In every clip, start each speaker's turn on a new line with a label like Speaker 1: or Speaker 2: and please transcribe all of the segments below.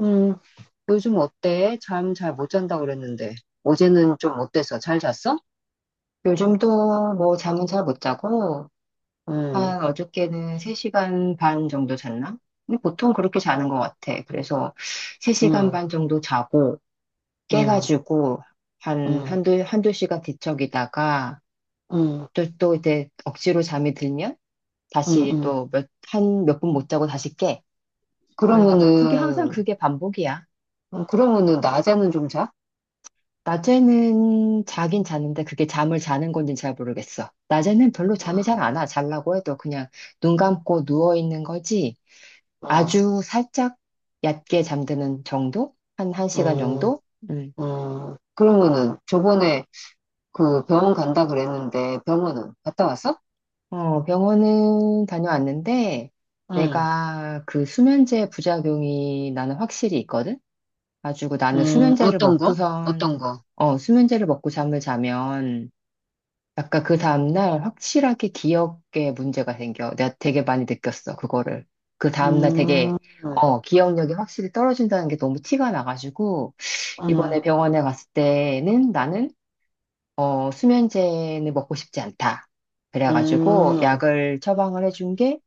Speaker 1: 음, 요즘 어때? 잠 잘 못 잔다 그랬는데. 어제는 좀 어때서? 잘 잤어?
Speaker 2: 요즘도 뭐 잠은 잘 못 자고,
Speaker 1: 음,
Speaker 2: 한 어저께는 3시간 반 정도 잤나? 근데 보통 그렇게 자는 것 같아. 그래서 3시간
Speaker 1: 음,
Speaker 2: 반 정도 자고,
Speaker 1: 음,
Speaker 2: 깨가지고, 한,
Speaker 1: 음,
Speaker 2: 한두, 한두 시간 뒤척이다가,
Speaker 1: 음,
Speaker 2: 또 이제 억지로 잠이 들면,
Speaker 1: 음,
Speaker 2: 다시
Speaker 1: 음.
Speaker 2: 또 한 몇 분 못 자고 다시 깨. 그래가지고 그게 항상
Speaker 1: 그러면은,
Speaker 2: 그게 반복이야.
Speaker 1: 그러면은 낮에는 좀 자?
Speaker 2: 낮에는 자긴 자는데 그게 잠을 자는 건지 잘 모르겠어. 낮에는 별로 잠이 잘 안
Speaker 1: 음,
Speaker 2: 와. 자려고 해도 그냥 눈 감고 누워 있는 거지.
Speaker 1: 음,
Speaker 2: 아주 살짝 얕게 잠드는 정도? 한 시간
Speaker 1: 음,
Speaker 2: 정도? 음.
Speaker 1: 그러면은 저번에 그 병원 간다 그랬는데 병원은 갔다 왔어?
Speaker 2: 병원은 다녀왔는데
Speaker 1: 음,
Speaker 2: 내가 그 수면제 부작용이 나는 확실히 있거든? 가지고 나는 수면제를
Speaker 1: 어떤 거? 어떤
Speaker 2: 먹고선,
Speaker 1: 거?
Speaker 2: 수면제를 먹고 잠을 자면 아까 그 다음날 확실하게 기억에 문제가 생겨. 내가 되게 많이 느꼈어, 그거를. 그 다음날 되게,
Speaker 1: 음, 음,
Speaker 2: 기억력이 확실히 떨어진다는 게 너무 티가 나가지고,
Speaker 1: 음,
Speaker 2: 이번에 병원에 갔을 때는 나는, 수면제는 먹고 싶지 않다. 그래가지고,
Speaker 1: 음,
Speaker 2: 약을 처방을 해준 게,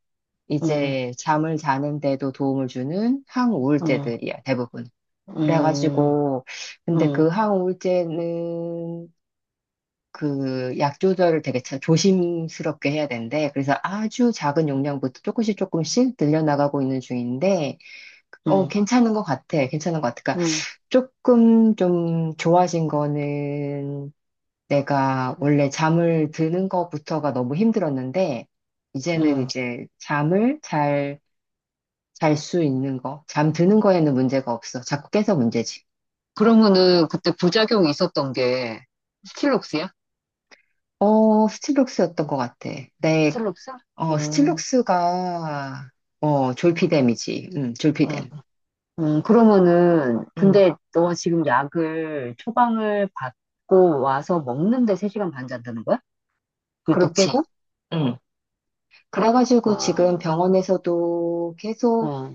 Speaker 1: 음,
Speaker 2: 이제 잠을 자는데도 도움을 주는 항우울제들이야, 대부분.
Speaker 1: 음,
Speaker 2: 그래가지고, 근데
Speaker 1: 음,
Speaker 2: 그 항우울제는 그 약 조절을 되게 조심스럽게 해야 된데 그래서 아주 작은 용량부터 조금씩 조금씩 늘려나가고 있는 중인데,
Speaker 1: 음.
Speaker 2: 괜찮은 것 같아. 괜찮은 것 같아. 그러니까
Speaker 1: 음,
Speaker 2: 조금 좀 좋아진 거는 내가 원래 잠을 드는 것부터가 너무 힘들었는데, 이제는
Speaker 1: 음.
Speaker 2: 이제 잠을 잘 수 있는 거, 잠 드는 거에는 문제가 없어. 자꾸 깨서 문제지.
Speaker 1: 그러면은 그때 부작용이 있었던 게 스틸록스야?
Speaker 2: 스틸록스였던 것 같아. 내
Speaker 1: 스틸록스? 음,
Speaker 2: 스틸록스가, 졸피뎀이지. 응,
Speaker 1: 음,
Speaker 2: 졸피뎀.
Speaker 1: 그러면은
Speaker 2: 응,
Speaker 1: 근데 너 지금 약을 처방을 받고 와서 먹는데 3시간 반 잔다는 거야? 그걸 또
Speaker 2: 그렇지.
Speaker 1: 깨고?
Speaker 2: 응. 그래가지고 지금
Speaker 1: 어,
Speaker 2: 병원에서도 계속
Speaker 1: 어,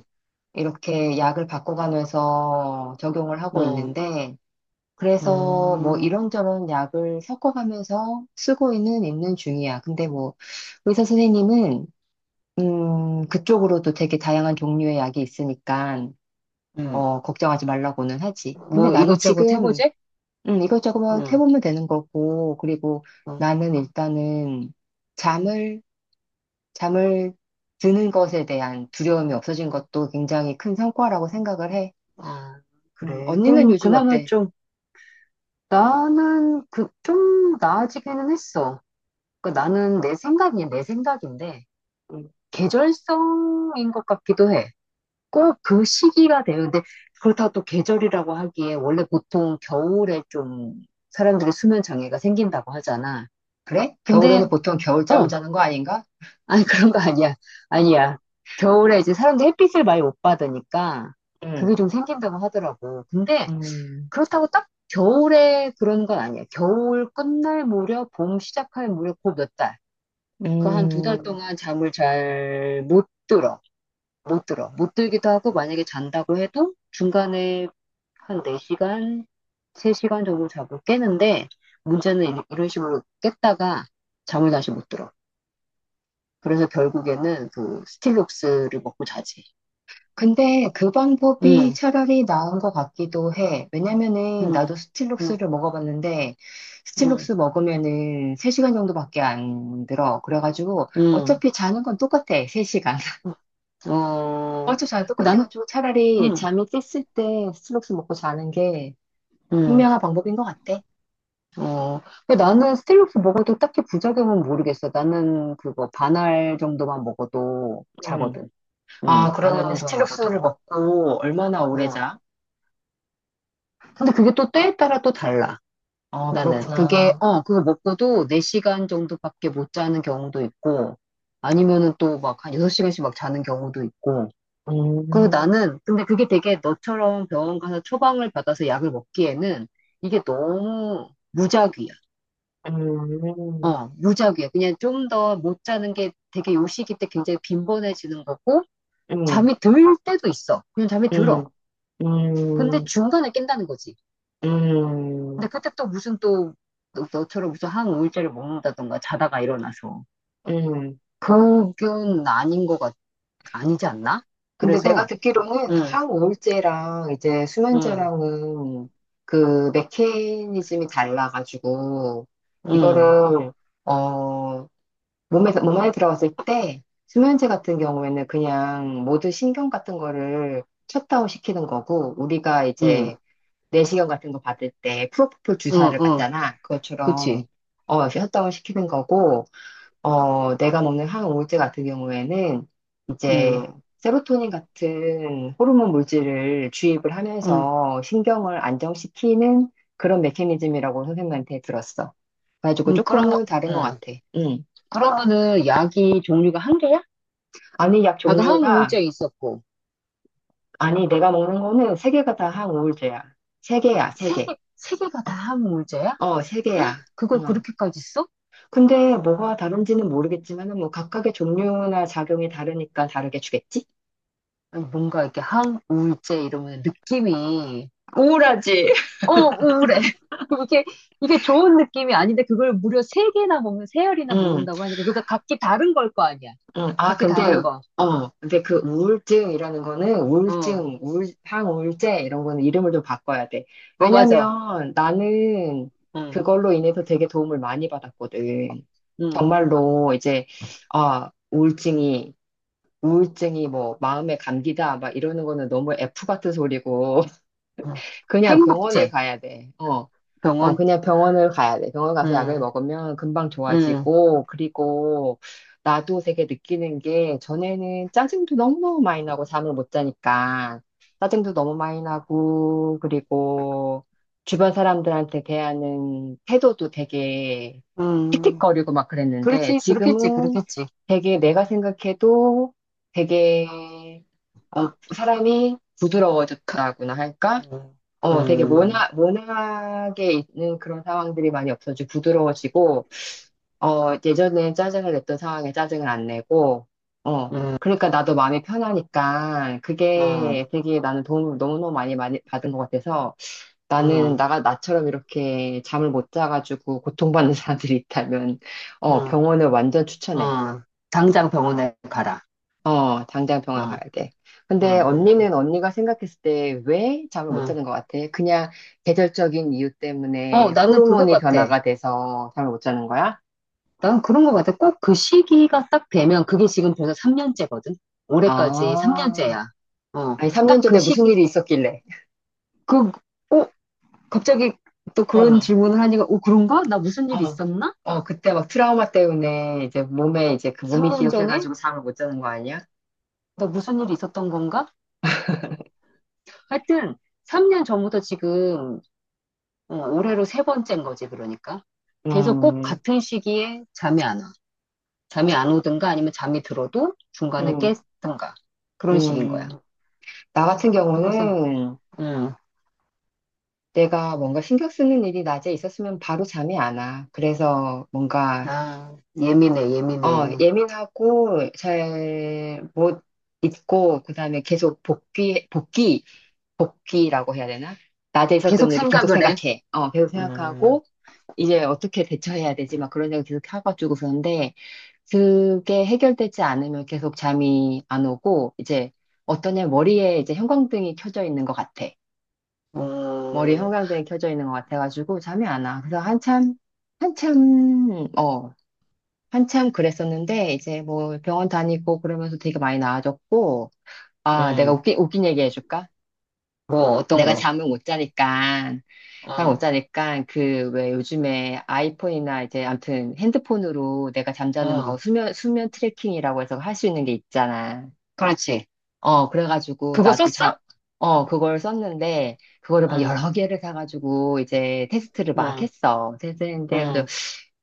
Speaker 2: 이렇게 약을 바꿔가면서 적용을 하고
Speaker 1: 어,
Speaker 2: 있는데, 그래서 뭐
Speaker 1: 음,
Speaker 2: 이런저런 약을 섞어가면서 쓰고는 있는 중이야. 근데 뭐 의사 선생님은, 그쪽으로도 되게 다양한 종류의 약이 있으니까,
Speaker 1: 음.
Speaker 2: 걱정하지 말라고는 하지. 근데
Speaker 1: 뭐
Speaker 2: 나는
Speaker 1: 이것저것
Speaker 2: 지금
Speaker 1: 해보지?
Speaker 2: 이것저것
Speaker 1: 응,
Speaker 2: 해보면 되는 거고, 그리고
Speaker 1: 응,
Speaker 2: 나는 일단은 잠을, 잠을 드는 것에 대한 두려움이 없어진 것도 굉장히 큰 성과라고 생각을 해.
Speaker 1: 아, 그래.
Speaker 2: 언니는
Speaker 1: 그럼
Speaker 2: 요즘
Speaker 1: 그나마
Speaker 2: 어때?
Speaker 1: 좀 나는 그 좀 나아지기는 했어. 그러니까 나는 내 생각이 내 생각인데
Speaker 2: 음,
Speaker 1: 계절성인 것 같기도 해. 꼭 그 시기가 돼요. 근데 그렇다고 또 계절이라고 하기에 원래 보통 겨울에 좀 사람들이 수면 장애가 생긴다고 하잖아.
Speaker 2: 그래?
Speaker 1: 근데
Speaker 2: 겨울에는 보통 겨울잠을
Speaker 1: 어,
Speaker 2: 자는 거 아닌가?
Speaker 1: 아니 그런 거 아니야. 아니야. 겨울에 이제 사람들이 햇빛을 많이 못 받으니까
Speaker 2: 음,
Speaker 1: 그게 좀 생긴다고 하더라고. 근데
Speaker 2: 음,
Speaker 1: 그렇다고 딱 겨울에 그런 건 아니야. 겨울 끝날 무렵, 봄 시작할 무렵, 그 몇 달. 그 한 두 달
Speaker 2: 음,
Speaker 1: 동안 잠을 잘 못 들어. 못 들어. 못 들기도 하고 만약에 잔다고 해도 중간에 한 4시간, 3시간 정도 자고 깨는데 문제는 이런 식으로 깼다가 잠을 다시 못 들어. 그래서 결국에는 그 스틸록스를 먹고 자지.
Speaker 2: 근데 그 방법이
Speaker 1: 응,
Speaker 2: 차라리 나은 것 같기도 해. 왜냐면은
Speaker 1: 응,
Speaker 2: 나도
Speaker 1: 응,
Speaker 2: 스틸록스를 먹어봤는데
Speaker 1: 응,
Speaker 2: 스틸록스 먹으면은 3시간 정도밖에 안 들어. 그래가지고
Speaker 1: 응.
Speaker 2: 어차피 자는 건 똑같아. 3시간.
Speaker 1: 응. 어,
Speaker 2: 어차피 자는
Speaker 1: 난,
Speaker 2: 똑같아가지고 차라리
Speaker 1: 응,
Speaker 2: 잠이 깼을 때 스틸록스 먹고 자는 게
Speaker 1: 응,
Speaker 2: 현명한 방법인 것 같아.
Speaker 1: 어. 근데 나는 스틸록스 먹어도 딱히 부작용은 모르겠어. 나는 그거 반알 정도만 먹어도
Speaker 2: 음.
Speaker 1: 자거든.
Speaker 2: 아,
Speaker 1: 응, 반알
Speaker 2: 그러면은
Speaker 1: 정도만 먹어도.
Speaker 2: 스틸록스를 먹고 얼마나 오래
Speaker 1: 응.
Speaker 2: 자?
Speaker 1: 근데 그게 또 때에 따라 또 달라.
Speaker 2: 아,
Speaker 1: 나는 그게
Speaker 2: 그렇구나.
Speaker 1: 어 그거 먹고도 4시간 정도밖에 못 자는 경우도 있고 아니면은 또 막 한 6시간씩 막 자는 경우도 있고. 그리고
Speaker 2: 음,
Speaker 1: 나는 근데 그게 되게 너처럼 병원 가서 처방을 받아서 약을 먹기에는 이게 너무 무작위야.
Speaker 2: 음,
Speaker 1: 어, 무작위야. 그냥 좀 더 못 자는 게 되게 요 시기 때 굉장히 빈번해지는 거고
Speaker 2: 음, 음,
Speaker 1: 잠이 들 때도 있어. 그냥 잠이
Speaker 2: 음.
Speaker 1: 들어. 근데
Speaker 2: 음.
Speaker 1: 중간에 깬다는 거지.
Speaker 2: 음,
Speaker 1: 근데 그때 또 무슨 또 처럼 무슨 한 5일짜를 먹는다던가 자다가 일어나서
Speaker 2: 음.
Speaker 1: 그건 아닌 것 아니지 않나?
Speaker 2: 근데 내가
Speaker 1: 그래서
Speaker 2: 듣기로는
Speaker 1: 응,
Speaker 2: 항우울제랑 이제
Speaker 1: 응,
Speaker 2: 수면제랑은 그 메커니즘이 달라가지고,
Speaker 1: 응,
Speaker 2: 이거를, 어, 몸 안에 들어갔을 때, 수면제 같은 경우에는 그냥 모든 신경 같은 거를 셧다운 시키는 거고, 우리가
Speaker 1: 응,
Speaker 2: 이제 내시경 같은 거 받을 때 프로포폴
Speaker 1: 응,
Speaker 2: 주사를
Speaker 1: 응,
Speaker 2: 받잖아. 그것처럼,
Speaker 1: 그치?
Speaker 2: 셧다운 시키는 거고, 내가 먹는 항우울제 같은 경우에는 이제
Speaker 1: 응,
Speaker 2: 세로토닌 같은 호르몬 물질을 주입을
Speaker 1: 응,
Speaker 2: 하면서 신경을 안정시키는 그런 메커니즘이라고 선생님한테 들었어. 그래가지고
Speaker 1: 응, 그러면,
Speaker 2: 조금은 다른 것
Speaker 1: 응.
Speaker 2: 같아. 응.
Speaker 1: 그러면은 약이 종류가 한 개야?
Speaker 2: 아니, 약
Speaker 1: 아까
Speaker 2: 종류가,
Speaker 1: 항우울제 있었고
Speaker 2: 아니, 내가 먹는 거는 세 개가 다 항우울제야. 세 개야, 세
Speaker 1: 세
Speaker 2: 개.
Speaker 1: 개, 세 개가 다 항우울제야?
Speaker 2: 세 개야.
Speaker 1: 그걸
Speaker 2: 응.
Speaker 1: 그렇게까지 써?
Speaker 2: 근데 뭐가 다른지는 모르겠지만은 뭐 각각의 종류나 작용이 다르니까 다르게 주겠지?
Speaker 1: 아니, 뭔가 이렇게 항우울제 이러면 느낌이
Speaker 2: 우울하지?
Speaker 1: 어, 우울해. 이게, 이게 좋은 느낌이 아닌데, 그걸 무려 세개나 먹는, 세알이나
Speaker 2: 응.
Speaker 1: 먹는다고 하니까, 그것 각기 다른 걸 거 아니야.
Speaker 2: 응, 아,
Speaker 1: 각기
Speaker 2: 근데,
Speaker 1: 다른 거.
Speaker 2: 아, 근데 그 우울증이라는 거는
Speaker 1: 어,
Speaker 2: 우울증, 우울, 항우울제 이런 거는 이름을 좀 바꿔야 돼.
Speaker 1: 어, 맞아.
Speaker 2: 왜냐면 나는
Speaker 1: 응,
Speaker 2: 그걸로 인해서 되게 도움을 많이 받았거든.
Speaker 1: 응,
Speaker 2: 정말로 이제, 아, 우울증이 뭐 마음의 감기다 막 이러는 거는 너무 F 같은 소리고
Speaker 1: 응.
Speaker 2: 그냥 병원을
Speaker 1: 행복제,
Speaker 2: 가야 돼. 어.
Speaker 1: 병원.
Speaker 2: 그냥 병원을 가야 돼. 병원 가서 약을
Speaker 1: 응,
Speaker 2: 먹으면 금방
Speaker 1: 응,
Speaker 2: 좋아지고, 그리고 나도 되게 느끼는 게, 전에는 짜증도 너무 많이 나고, 잠을 못 자니까. 짜증도 너무 많이 나고, 그리고 주변 사람들한테 대하는 태도도 되게
Speaker 1: 응.
Speaker 2: 틱틱거리고 막 그랬는데,
Speaker 1: 그렇지, 그렇겠지,
Speaker 2: 지금은
Speaker 1: 그렇겠지.
Speaker 2: 되게 내가 생각해도 되게, 사람이
Speaker 1: 가-
Speaker 2: 부드러워졌다고나 할까?
Speaker 1: 응,
Speaker 2: 어, 되게
Speaker 1: 응,
Speaker 2: 모나게 있는 그런 상황들이 많이 없어지고 부드러워지고, 예전에 짜증을 냈던 상황에 짜증을 안 내고, 어,
Speaker 1: 응,
Speaker 2: 그러니까 나도 마음이 편하니까
Speaker 1: 응,
Speaker 2: 그게 되게 나는 도움을 너무너무 많이, 많이 받은 것 같아서 나는
Speaker 1: 응,
Speaker 2: 나처럼 이렇게 잠을 못 자가지고 고통받는 사람들이 있다면,
Speaker 1: 응,
Speaker 2: 병원을 완전 추천해.
Speaker 1: 응. 당장 병원에 가라.
Speaker 2: 당장 병원 가야
Speaker 1: 응,
Speaker 2: 돼.
Speaker 1: 응,
Speaker 2: 근데
Speaker 1: 응,
Speaker 2: 언니는 언니가 생각했을 때 왜 잠을 못
Speaker 1: 응.
Speaker 2: 자는 것 같아? 그냥 계절적인 이유
Speaker 1: 어,
Speaker 2: 때문에
Speaker 1: 나는 그거
Speaker 2: 호르몬이
Speaker 1: 같아.
Speaker 2: 변화가 돼서 잠을 못 자는 거야?
Speaker 1: 난 그런 것 같아. 꼭 그 시기가 딱 되면, 그게 지금 벌써 3년째거든? 올해까지
Speaker 2: 아,
Speaker 1: 3년째야. 어,
Speaker 2: 아니, 3년
Speaker 1: 딱 그
Speaker 2: 전에 무슨
Speaker 1: 시기,
Speaker 2: 일이 있었길래.
Speaker 1: 그, 어, 갑자기 또 그런
Speaker 2: 어,
Speaker 1: 질문을 하니까, 어, 그런가? 나 무슨 일이
Speaker 2: 어,
Speaker 1: 있었나?
Speaker 2: 그때 막 트라우마 때문에 이제 몸에 이제 그 몸이
Speaker 1: 3년 전에?
Speaker 2: 기억해가지고 잠을 못 자는 거 아니야?
Speaker 1: 나 무슨 일이 있었던 건가? 하여튼, 3년 전부터 지금, 어, 올해로 세 번째인 거지, 그러니까. 계속 꼭
Speaker 2: 음,
Speaker 1: 같은 시기에 잠이 안 와. 잠이 안 오든가 아니면 잠이 들어도 중간에
Speaker 2: 음,
Speaker 1: 깼든가. 그런 식인 거야.
Speaker 2: 음. 나 같은
Speaker 1: 그래서,
Speaker 2: 경우는
Speaker 1: 음,
Speaker 2: 내가 뭔가 신경 쓰는 일이 낮에 있었으면 바로 잠이 안 와. 그래서 뭔가
Speaker 1: 아, 예민해, 예민해.
Speaker 2: 예민하고 잘 못 잊고 그다음에 계속 복귀라고 해야 되나? 낮에 있었던
Speaker 1: 계속
Speaker 2: 일을 계속
Speaker 1: 생각을 해.
Speaker 2: 생각해. 계속
Speaker 1: 음,
Speaker 2: 생각하고 이제 어떻게 대처해야 되지? 막 그런 생각 계속 해가지고 그런데 그게 해결되지 않으면 계속 잠이 안 오고 이제 어떤 애 머리에 이제 형광등이 켜져 있는 것 같아. 머리에
Speaker 1: 음,
Speaker 2: 형광등이 켜져 있는 것 같아가지고 잠이 안 와. 그래서 한참 어, 한참 그랬었는데, 이제 뭐 병원 다니고 그러면서 되게 많이 나아졌고, 아, 내가
Speaker 1: 음,
Speaker 2: 웃긴 얘기 해줄까?
Speaker 1: 뭐, 어떤
Speaker 2: 내가
Speaker 1: 거.
Speaker 2: 잠을 못 자니까, 잠을
Speaker 1: 어,
Speaker 2: 못 자니까, 그, 왜 요즘에 아이폰이나 이제 아무튼 핸드폰으로 내가 잠자는
Speaker 1: 어,
Speaker 2: 거 수면 트래킹이라고 해서 할 수 있는 게 있잖아.
Speaker 1: 그렇지.
Speaker 2: 어, 그래가지고
Speaker 1: 그거
Speaker 2: 나도
Speaker 1: 썼어?
Speaker 2: 자, 어, 그걸 썼는데, 그거를 막
Speaker 1: 응,
Speaker 2: 여러 개를 사가지고 이제 테스트를 막
Speaker 1: 응,
Speaker 2: 했어. 테스트했는데, 그래도
Speaker 1: 응.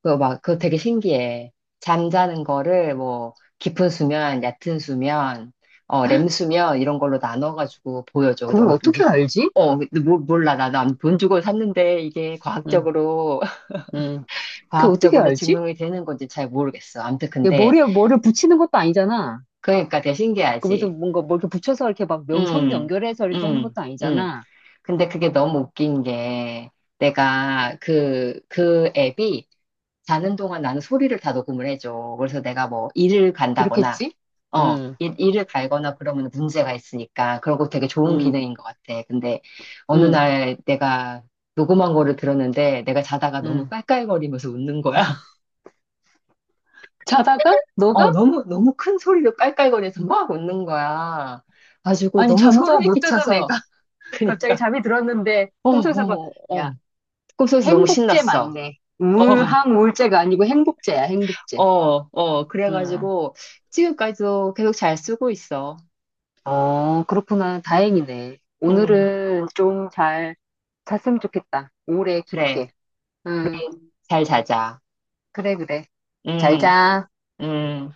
Speaker 2: 그거 되게 신기해. 잠자는 거를 뭐, 깊은 수면, 얕은 수면, 렘 수면, 이런 걸로 나눠가지고 보여줘. 근데
Speaker 1: 그걸 어떻게 알지?
Speaker 2: 근데 몰라. 나난돈 주고 샀는데 이게
Speaker 1: 응,
Speaker 2: 과학적으로,
Speaker 1: 응. 그걸 어떻게
Speaker 2: 과학적으로
Speaker 1: 알지?
Speaker 2: 증명이 되는 건지 잘 모르겠어. 아무튼
Speaker 1: 얘
Speaker 2: 근데,
Speaker 1: 머리에 뭐를 붙이는 것도 아니잖아.
Speaker 2: 그러니까 되게
Speaker 1: 그것도
Speaker 2: 신기하지.
Speaker 1: 뭔가 뭘 이렇게 붙여서 이렇게 막 명성
Speaker 2: 음,
Speaker 1: 연결해서 이렇게 하는
Speaker 2: 음,
Speaker 1: 것도
Speaker 2: 음.
Speaker 1: 아니잖아.
Speaker 2: 근데 그게 너무 웃긴 게 내가 그 앱이 자는 동안 나는 소리를 다 녹음을 해줘. 그래서 내가 뭐 일을 간다거나,
Speaker 1: 그렇겠지?
Speaker 2: 어,
Speaker 1: 응,
Speaker 2: 일을 갈거나 그러면 문제가 있으니까. 그러고 되게 좋은
Speaker 1: 응,
Speaker 2: 기능인 것 같아. 근데 어느
Speaker 1: 응,
Speaker 2: 날 내가 녹음한 거를 들었는데 내가 자다가 너무
Speaker 1: 응.
Speaker 2: 깔깔거리면서 웃는 거야.
Speaker 1: 자다가?
Speaker 2: 어,
Speaker 1: 너가?
Speaker 2: 너무 큰 소리로 깔깔거리면서 막 웃는 거야. 가지고
Speaker 1: 아니,
Speaker 2: 너무
Speaker 1: 잠도
Speaker 2: 소름이
Speaker 1: 못 드던
Speaker 2: 끼쳐서.
Speaker 1: 애가. 갑자기
Speaker 2: 그니까,
Speaker 1: 잠이 들었는데 꿈속에서 봐. 야,
Speaker 2: 어. 꿈속에서 너무
Speaker 1: 행복제
Speaker 2: 신났어.
Speaker 1: 맞네.
Speaker 2: 어,
Speaker 1: 우울한 우울제가 아니고 행복제야, 행복제.
Speaker 2: 어.
Speaker 1: 음.
Speaker 2: 그래가지고 지금까지도 계속 잘 쓰고 있어.
Speaker 1: 어, 그렇구나. 다행이네.
Speaker 2: 음,
Speaker 1: 오늘은 좀 잘 잤으면 좋겠다. 오래
Speaker 2: 그래.
Speaker 1: 깊게. 응,
Speaker 2: 잘 자자.
Speaker 1: 그래, 그래. 잘
Speaker 2: 음,
Speaker 1: 자.
Speaker 2: 음.